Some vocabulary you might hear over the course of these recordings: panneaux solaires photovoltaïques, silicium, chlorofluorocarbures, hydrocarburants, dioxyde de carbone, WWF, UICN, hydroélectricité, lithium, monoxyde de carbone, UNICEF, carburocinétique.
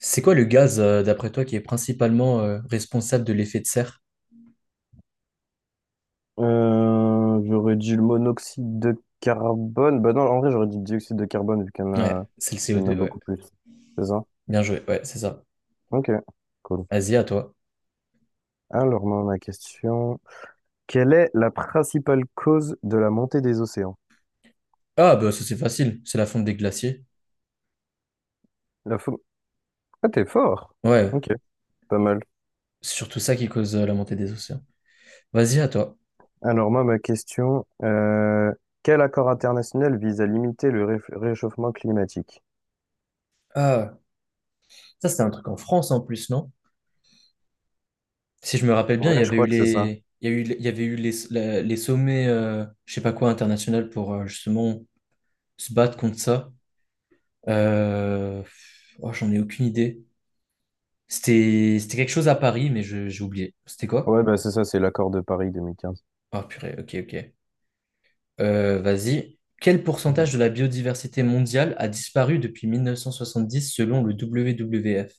C'est quoi le gaz, d'après toi, qui est principalement responsable de l'effet de serre? J'aurais dit le monoxyde de carbone. Bah non, en vrai, j'aurais dit le dioxyde de carbone vu qu'il y en a, Ouais, c'est le il y en a CO2, ouais. beaucoup plus. C'est ça? Bien joué, ouais, c'est ça. Ok, cool. Vas-y, à toi. Alors, moi, ma question. Quelle est la principale cause de la montée des océans? Ah, bah ça c'est facile, c'est la fonte des glaciers. La faune. Ah, t'es fort! Ouais, Ok, pas mal. c'est surtout ça qui cause la montée des océans. Vas-y, à toi. Alors, moi, ma question. Quel accord international vise à limiter le réchauffement climatique? Ah, ça c'était un truc en France en plus, non? Si je me rappelle bien, il Ouais, y je avait eu crois que c'est ça. les, il y a eu, il y avait eu les, la- les sommets, je sais pas quoi, international pour justement se battre contre ça. Euh, oh, j'en ai aucune idée. C'était quelque chose à Paris, mais j'ai oublié. C'était quoi? Ouais, bah c'est ça, c'est l'accord de Paris 2015. Ah purée, ok, ok. Vas-y. Quel pourcentage de la biodiversité mondiale a disparu depuis 1970 selon le WWF?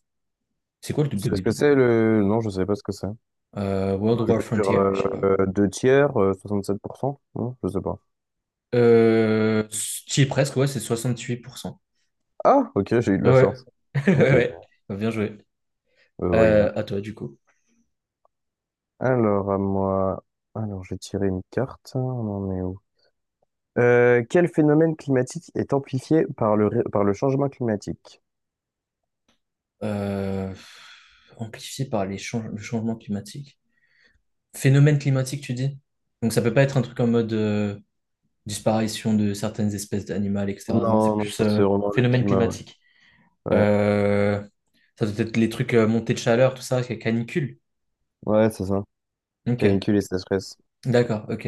C'est quoi le Tu sais ce que c'est WWF? le... Non, je sais pas ce que c'est. World Je War veux dire, Frontier? Je sais pas. Deux tiers, 67%? Non, je sais pas. Euh, qui est presque, ouais, c'est 68%. Ah, ok, j'ai eu de la Ouais. chance. Ok, ok. Ouais. Bah, bien joué. Why not? À toi, du coup. Alors, à moi... Alors, j'ai tiré une carte. On en est où? Quel phénomène climatique est amplifié par par le changement climatique? Euh, Amplifié par les le changement climatique. Phénomène climatique, tu dis? Donc ça peut pas être un truc en mode disparition de certaines espèces d'animales, etc. Non, c'est Non, non, plus c'est vraiment le phénomène climat, ouais. climatique. Ouais, Euh, Ça doit être les trucs montée de chaleur, tout ça, canicule. ouais, c'est ça. Ok, Canicule et sécheresse. d'accord, ok.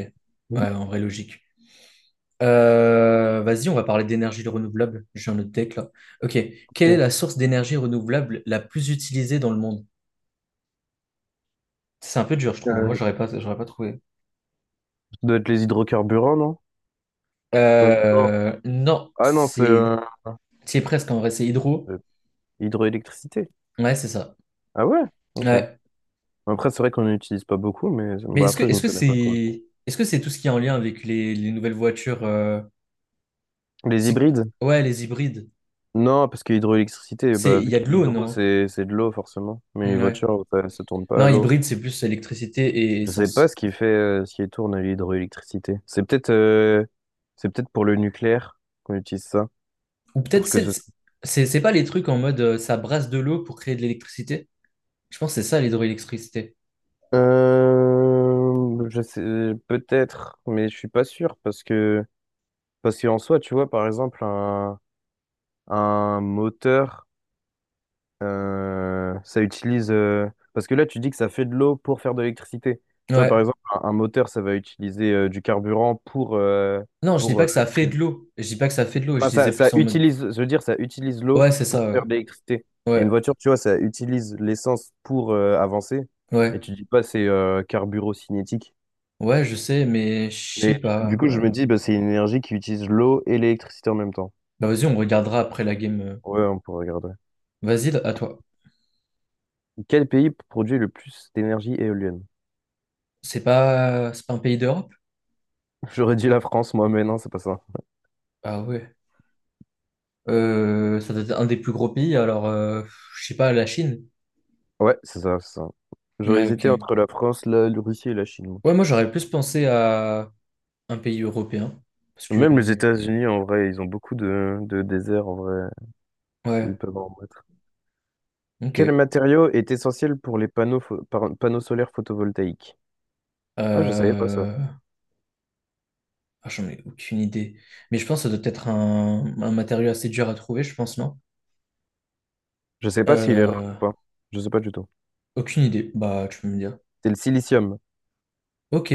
Mhm. Ouais, en vrai, logique. Vas-y, on va parler d'énergie renouvelable. J'ai un autre deck là. Ok, quelle est Ok. la source d'énergie renouvelable la plus utilisée dans le monde? C'est un peu dur, je trouve. Moi, Euh, j'aurais pas trouvé. Ça doit être les hydrocarburants, non? Non. Non, Ah non, c'est c'est, c'est presque en vrai, c'est hydro. hydroélectricité. Ouais, c'est ça. Ah ouais? Ok. Ouais. Après, c'est vrai qu'on n'utilise pas beaucoup, mais Mais bah, est-ce que après, je est-ce m'y que connais pas trop. c'est est-ce que c'est tout ce qui est en lien avec les nouvelles voitures, Les c'est hybrides? ouais les hybrides, Non, parce que hydroélectricité c'est bah, il vu y a qu'il de y a l'eau, l'hydro, non? c'est de l'eau, forcément. Mais les Ouais, voitures, ça tourne pas non, à l'eau. hybride c'est plus électricité et Je sais pas essence, ce qui fait, ce qui tourne à l'hydroélectricité. C'est peut-être pour le nucléaire qu'on utilise ça. ou peut-être Pour que c'est ce soit... c'est pas les trucs en mode ça brasse de l'eau pour créer de l'électricité. Je pense que c'est ça l'hydroélectricité. Je sais, peut-être, mais je suis pas sûr parce que, parce qu'en soi, tu vois, par exemple, un moteur. Ça utilise. Parce que là, tu dis que ça fait de l'eau pour faire de l'électricité. Tu vois, par Ouais, exemple, un moteur, ça va utiliser du carburant non, je dis pour pas que ça fait créer. de de- l'eau, je dis pas que ça fait de l'eau, je Enfin, disais ça, plus ça en mode utilise, je veux dire, ça utilise l'eau ouais, c'est pour ça, faire ouais de l'électricité. Et une ouais. voiture, tu vois, ça utilise l'essence pour avancer. Et Ouais, tu dis pas c'est carburocinétique. ouais, je sais mais je sais Mais pas, du coup, je ouais. me dis, bah, c'est une énergie qui utilise l'eau et l'électricité en même temps. Bah vas-y, on regardera après la game. Ouais, on pourrait regarder. Vas-y, à toi. Quel pays produit le plus d'énergie éolienne? C'est pas un pays d'Europe? J'aurais dit la France, moi, mais non, c'est pas ça. Ah ouais. Ça doit être un des plus gros pays, alors, je sais pas, la Chine. Ouais, c'est ça, c'est ça. J'aurais Ouais, hésité ok. entre la France, la, la Russie et la Chine, moi. Ouais, moi j'aurais plus pensé à un pays européen. Parce que. Même les États-Unis, en vrai, ils ont beaucoup de déserts, en vrai, où ils Ouais, peuvent en mettre. ok. Quel matériau est essentiel pour les panneaux, panneaux solaires photovoltaïques? Ah, je savais pas ça. Euh... ah, j'en ai aucune idée. Mais je pense que ça doit être un matériau assez dur à trouver, je pense, non? Je sais pas s'il est rare Euh... ou pas. Je sais pas du tout. Aucune idée. Bah, tu peux me dire. C'est le silicium. Ok,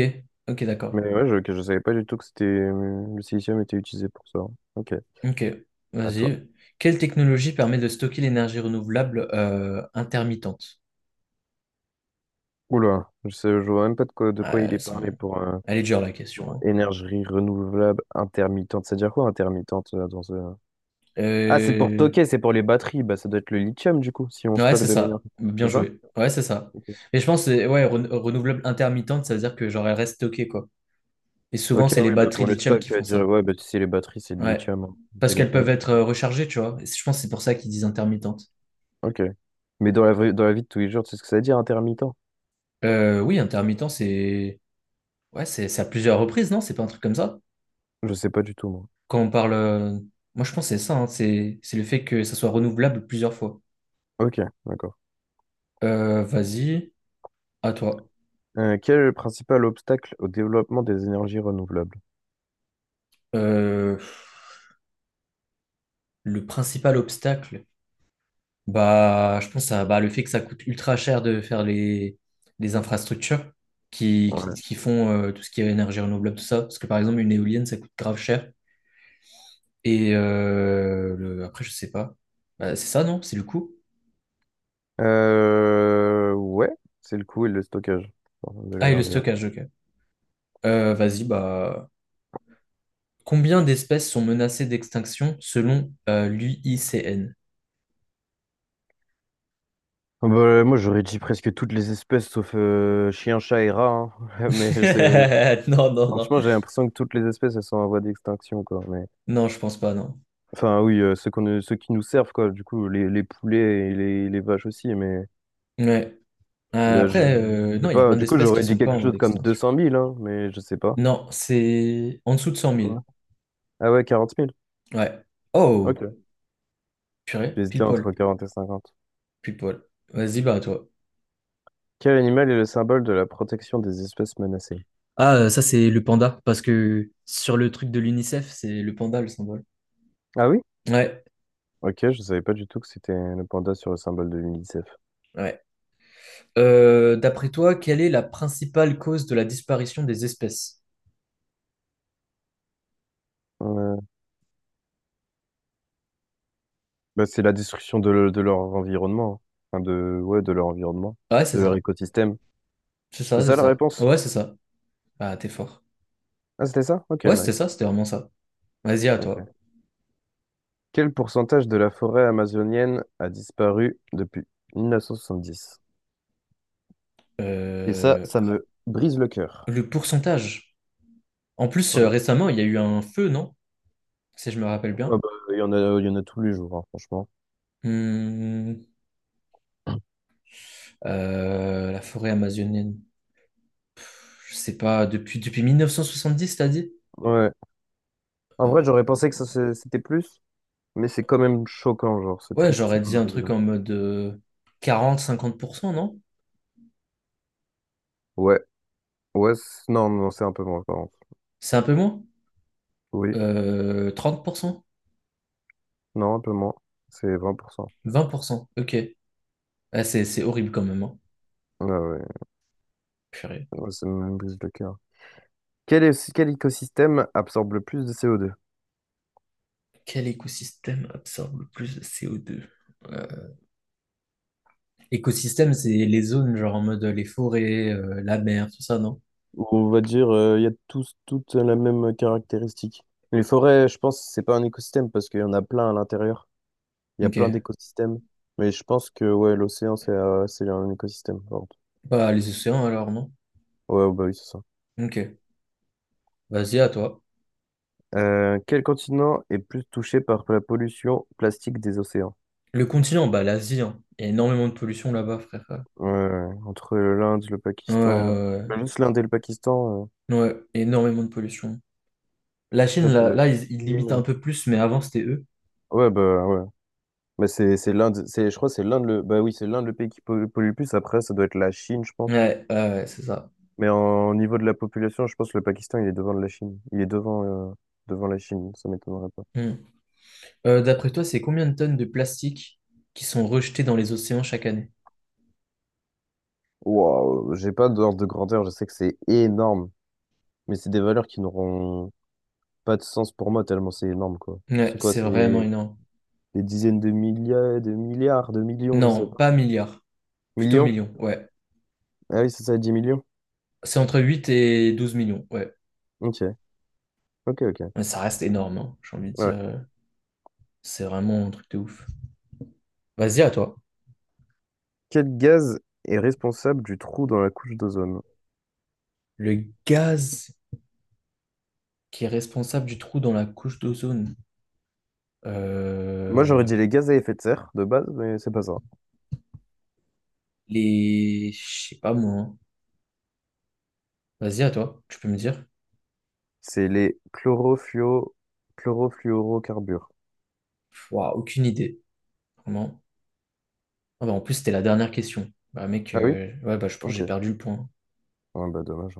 ok, d'accord. Mais ouais, je savais pas du tout que c'était, le silicium était utilisé pour ça. Ok, Ok, à toi. vas-y. Quelle technologie permet de stocker l'énergie renouvelable intermittente? Oula, je sais, je vois même pas de quoi, de Ah, quoi il est parlé elle est dure la pour question. énergie renouvelable intermittente. Ça veut dire quoi intermittente dans ce... Hein. Ah, c'est pour toquer, c'est pour les batteries. Bah, ça doit être le lithium, du coup, si on Ouais, stocke c'est de ça. l'énergie. Bien C'est ça? joué. Ouais, c'est ça. Ok. Mais je pense que ouais, renouvelable intermittente, ça veut dire que genre elle reste stockée, quoi. Et souvent, Ok, c'est les oui, bah, batteries pour le lithium qui stock, font dire, ça. ouais, bah, tu sais, les batteries, c'est de Ouais. lithium, hein, le Parce qu'elles peuvent téléphone, tout être ça. Rechargées, tu vois. Et je pense que c'est pour ça qu'ils disent intermittente. Ok. Mais dans dans la vie de tous les jours, tu sais ce que ça veut dire, intermittent? Oui, intermittent, c'est. Ouais, c'est à plusieurs reprises, non? C'est pas un truc comme ça? Je sais pas du tout, moi. Quand on parle. Moi, je pense que c'est ça, hein. C'est le fait que ça soit renouvelable plusieurs fois. Ok, d'accord. Vas-y, à toi. Quel est le principal obstacle au développement des énergies renouvelables? Euh, Le principal obstacle, bah, je pense à bah, le fait que ça coûte ultra cher de faire les infrastructures qui, qui, Ouais. qui font tout ce qui est énergie renouvelable, tout ça. Parce que par exemple, une éolienne, ça coûte grave cher. Et après, je sais pas. Bah, c'est ça, non? C'est le coût? Ouais, c'est le coût et le stockage pardon, de Ah, et le l'énergie, ouais. stockage, ok. Vas-y, bah. Combien d'espèces sont menacées d'extinction selon l'UICN? Bah, moi, j'aurais dit presque toutes les espèces sauf chien, chat et rat, hein. Mais je sais, Non, non, non. franchement, j'ai l'impression que toutes les espèces, elles sont en voie d'extinction, quoi. Mais... Non, je pense pas, non. Enfin, oui, ceux qu'on, ceux qui nous servent, quoi. Du coup, les poulets et les vaches aussi, mais... Ouais. Ben, Après, je sais non, il y a pas. plein Du coup, d'espèces qui j'aurais dit sont pas quelque en voie chose comme deux d'extinction. cent mille hein, mais je sais pas. Non, c'est en dessous de 100 C'est 000. quoi? Ah ouais, 40 000. Ouais. Oh, Ok. purée, pile J'hésitais entre poil, 40 et 50. pile poil. Vas-y, bah, à toi. Quel animal est le symbole de la protection des espèces menacées? Ah, ça, c'est le panda, parce que sur le truc de l'UNICEF, c'est le panda le symbole. Ah oui? Ouais, Ok, je savais pas du tout que c'était le panda sur le symbole de l'UNICEF. ouais. D'après toi, quelle est la principale cause de la disparition des espèces? Euh, Bah, c'est la destruction de, de leur environnement, hein. Enfin, de, ouais, de leur environnement, Ah, ouais, c'est de leur ça. écosystème. C'est ça, C'est c'est ça la ça. réponse? Ouais, c'est ça. Ah, t'es fort. Ah, c'était ça? Ok, Ouais, c'était nice. ça, c'était vraiment ça. Vas-y, à Ok. toi. Quel pourcentage de la forêt amazonienne a disparu depuis 1970? Et ça, Euh, ça me brise le cœur. le pourcentage. En plus, Ah récemment, il y a eu un feu, non? Si je me rappelle bah, bien. il y en a, il y en a tous les jours, hein, franchement. Hmm, la forêt amazonienne, je sais pas, depuis 1970, t'as dit? Ouais. En vrai, j'aurais Euh, pensé que ça, c'était plus, mais c'est quand même choquant, genre, c'est ouais, triste j'aurais dit d'en un arriver truc là. en mode 40-50%, non? Ouais, ouais, non, non, c'est un peu moins, par contre. C'est un peu moins? Oui, 30%? non, un peu moins. C'est 20%. 20%? Ok. Ah, c'est horrible quand même, hein. Ah ouais. Purée. Ouais, ça me brise le cœur. Quel écosystème absorbe le plus de co deux? Quel écosystème absorbe le plus de CO2? Euh, Écosystème, c'est les zones, genre en mode les forêts, la mer, tout ça, non? On va dire, il y a toutes la même caractéristique. Les forêts, je pense, c'est pas un écosystème parce qu'il y en a plein à l'intérieur. Il y a Ok. plein d'écosystèmes. Mais je pense que ouais, l'océan, c'est un écosystème. Pardon. Bah, les océans alors, non? Ouais, bah oui, c'est ça. Ok. Vas-y, à toi. Quel continent est plus touché par la pollution plastique des océans? Le continent, bah l'Asie, hein. Il y a énormément de pollution là-bas, frère. Ouais, Ouais, ouais, entre l'Inde, le Pakistan, ouais, même juste l'Inde et le Pakistan, ouais. Ouais, énormément de pollution. La Chine, après t'as là, la là, ils limitent un Chine. peu plus, mais avant, c'était eux. Ouais, bah ouais. Mais c'est l'Inde, c'est je crois que c'est l'Inde le bah oui, c'est l'Inde le pays qui pollue le plus après ça doit être la Chine, je pense. Ouais, ouais, ouais, c'est ça. Mais en au niveau de la population, je pense que le Pakistan, il est devant la Chine. Il est devant euh, devant la Chine, ça m'étonnerait pas. Hmm. D'après toi, c'est combien de tonnes de plastique qui sont rejetées dans les océans chaque année? Waouh, j'ai pas d'ordre de grandeur, je sais que c'est énorme, mais c'est des valeurs qui n'auront pas de sens pour moi tellement c'est énorme quoi. Ouais, C'est quoi, c'est vraiment c'est énorme. des dizaines de milliards, de milliards, de millions, je Non, sais pas. pas milliards, plutôt Millions? millions, ouais. Ah oui, c'est ça, 10 millions. C'est entre 8 et 12 millions, ouais. Ok, ok, ok. Mais ça reste énorme, hein, j'ai envie de Ouais. dire. C'est vraiment un truc de ouf. Vas-y, à toi. Quel gaz est responsable du trou dans la couche d'ozone? Le gaz qui est responsable du trou dans la couche d'ozone. Moi, j'aurais Euh, dit les gaz à effet de serre de base, mais c'est pas ça. Je sais pas, moi. Hein. Vas-y, à toi, tu peux me dire. C'est les chlorofluo... chlorofluorocarbures. Ouah, aucune idée, vraiment. Ah bah, en plus, c'était la dernière question. Bah mec, Ah oui? Ouais, bah, je pense que j'ai Ok. perdu le point. Ouais, bah dommage.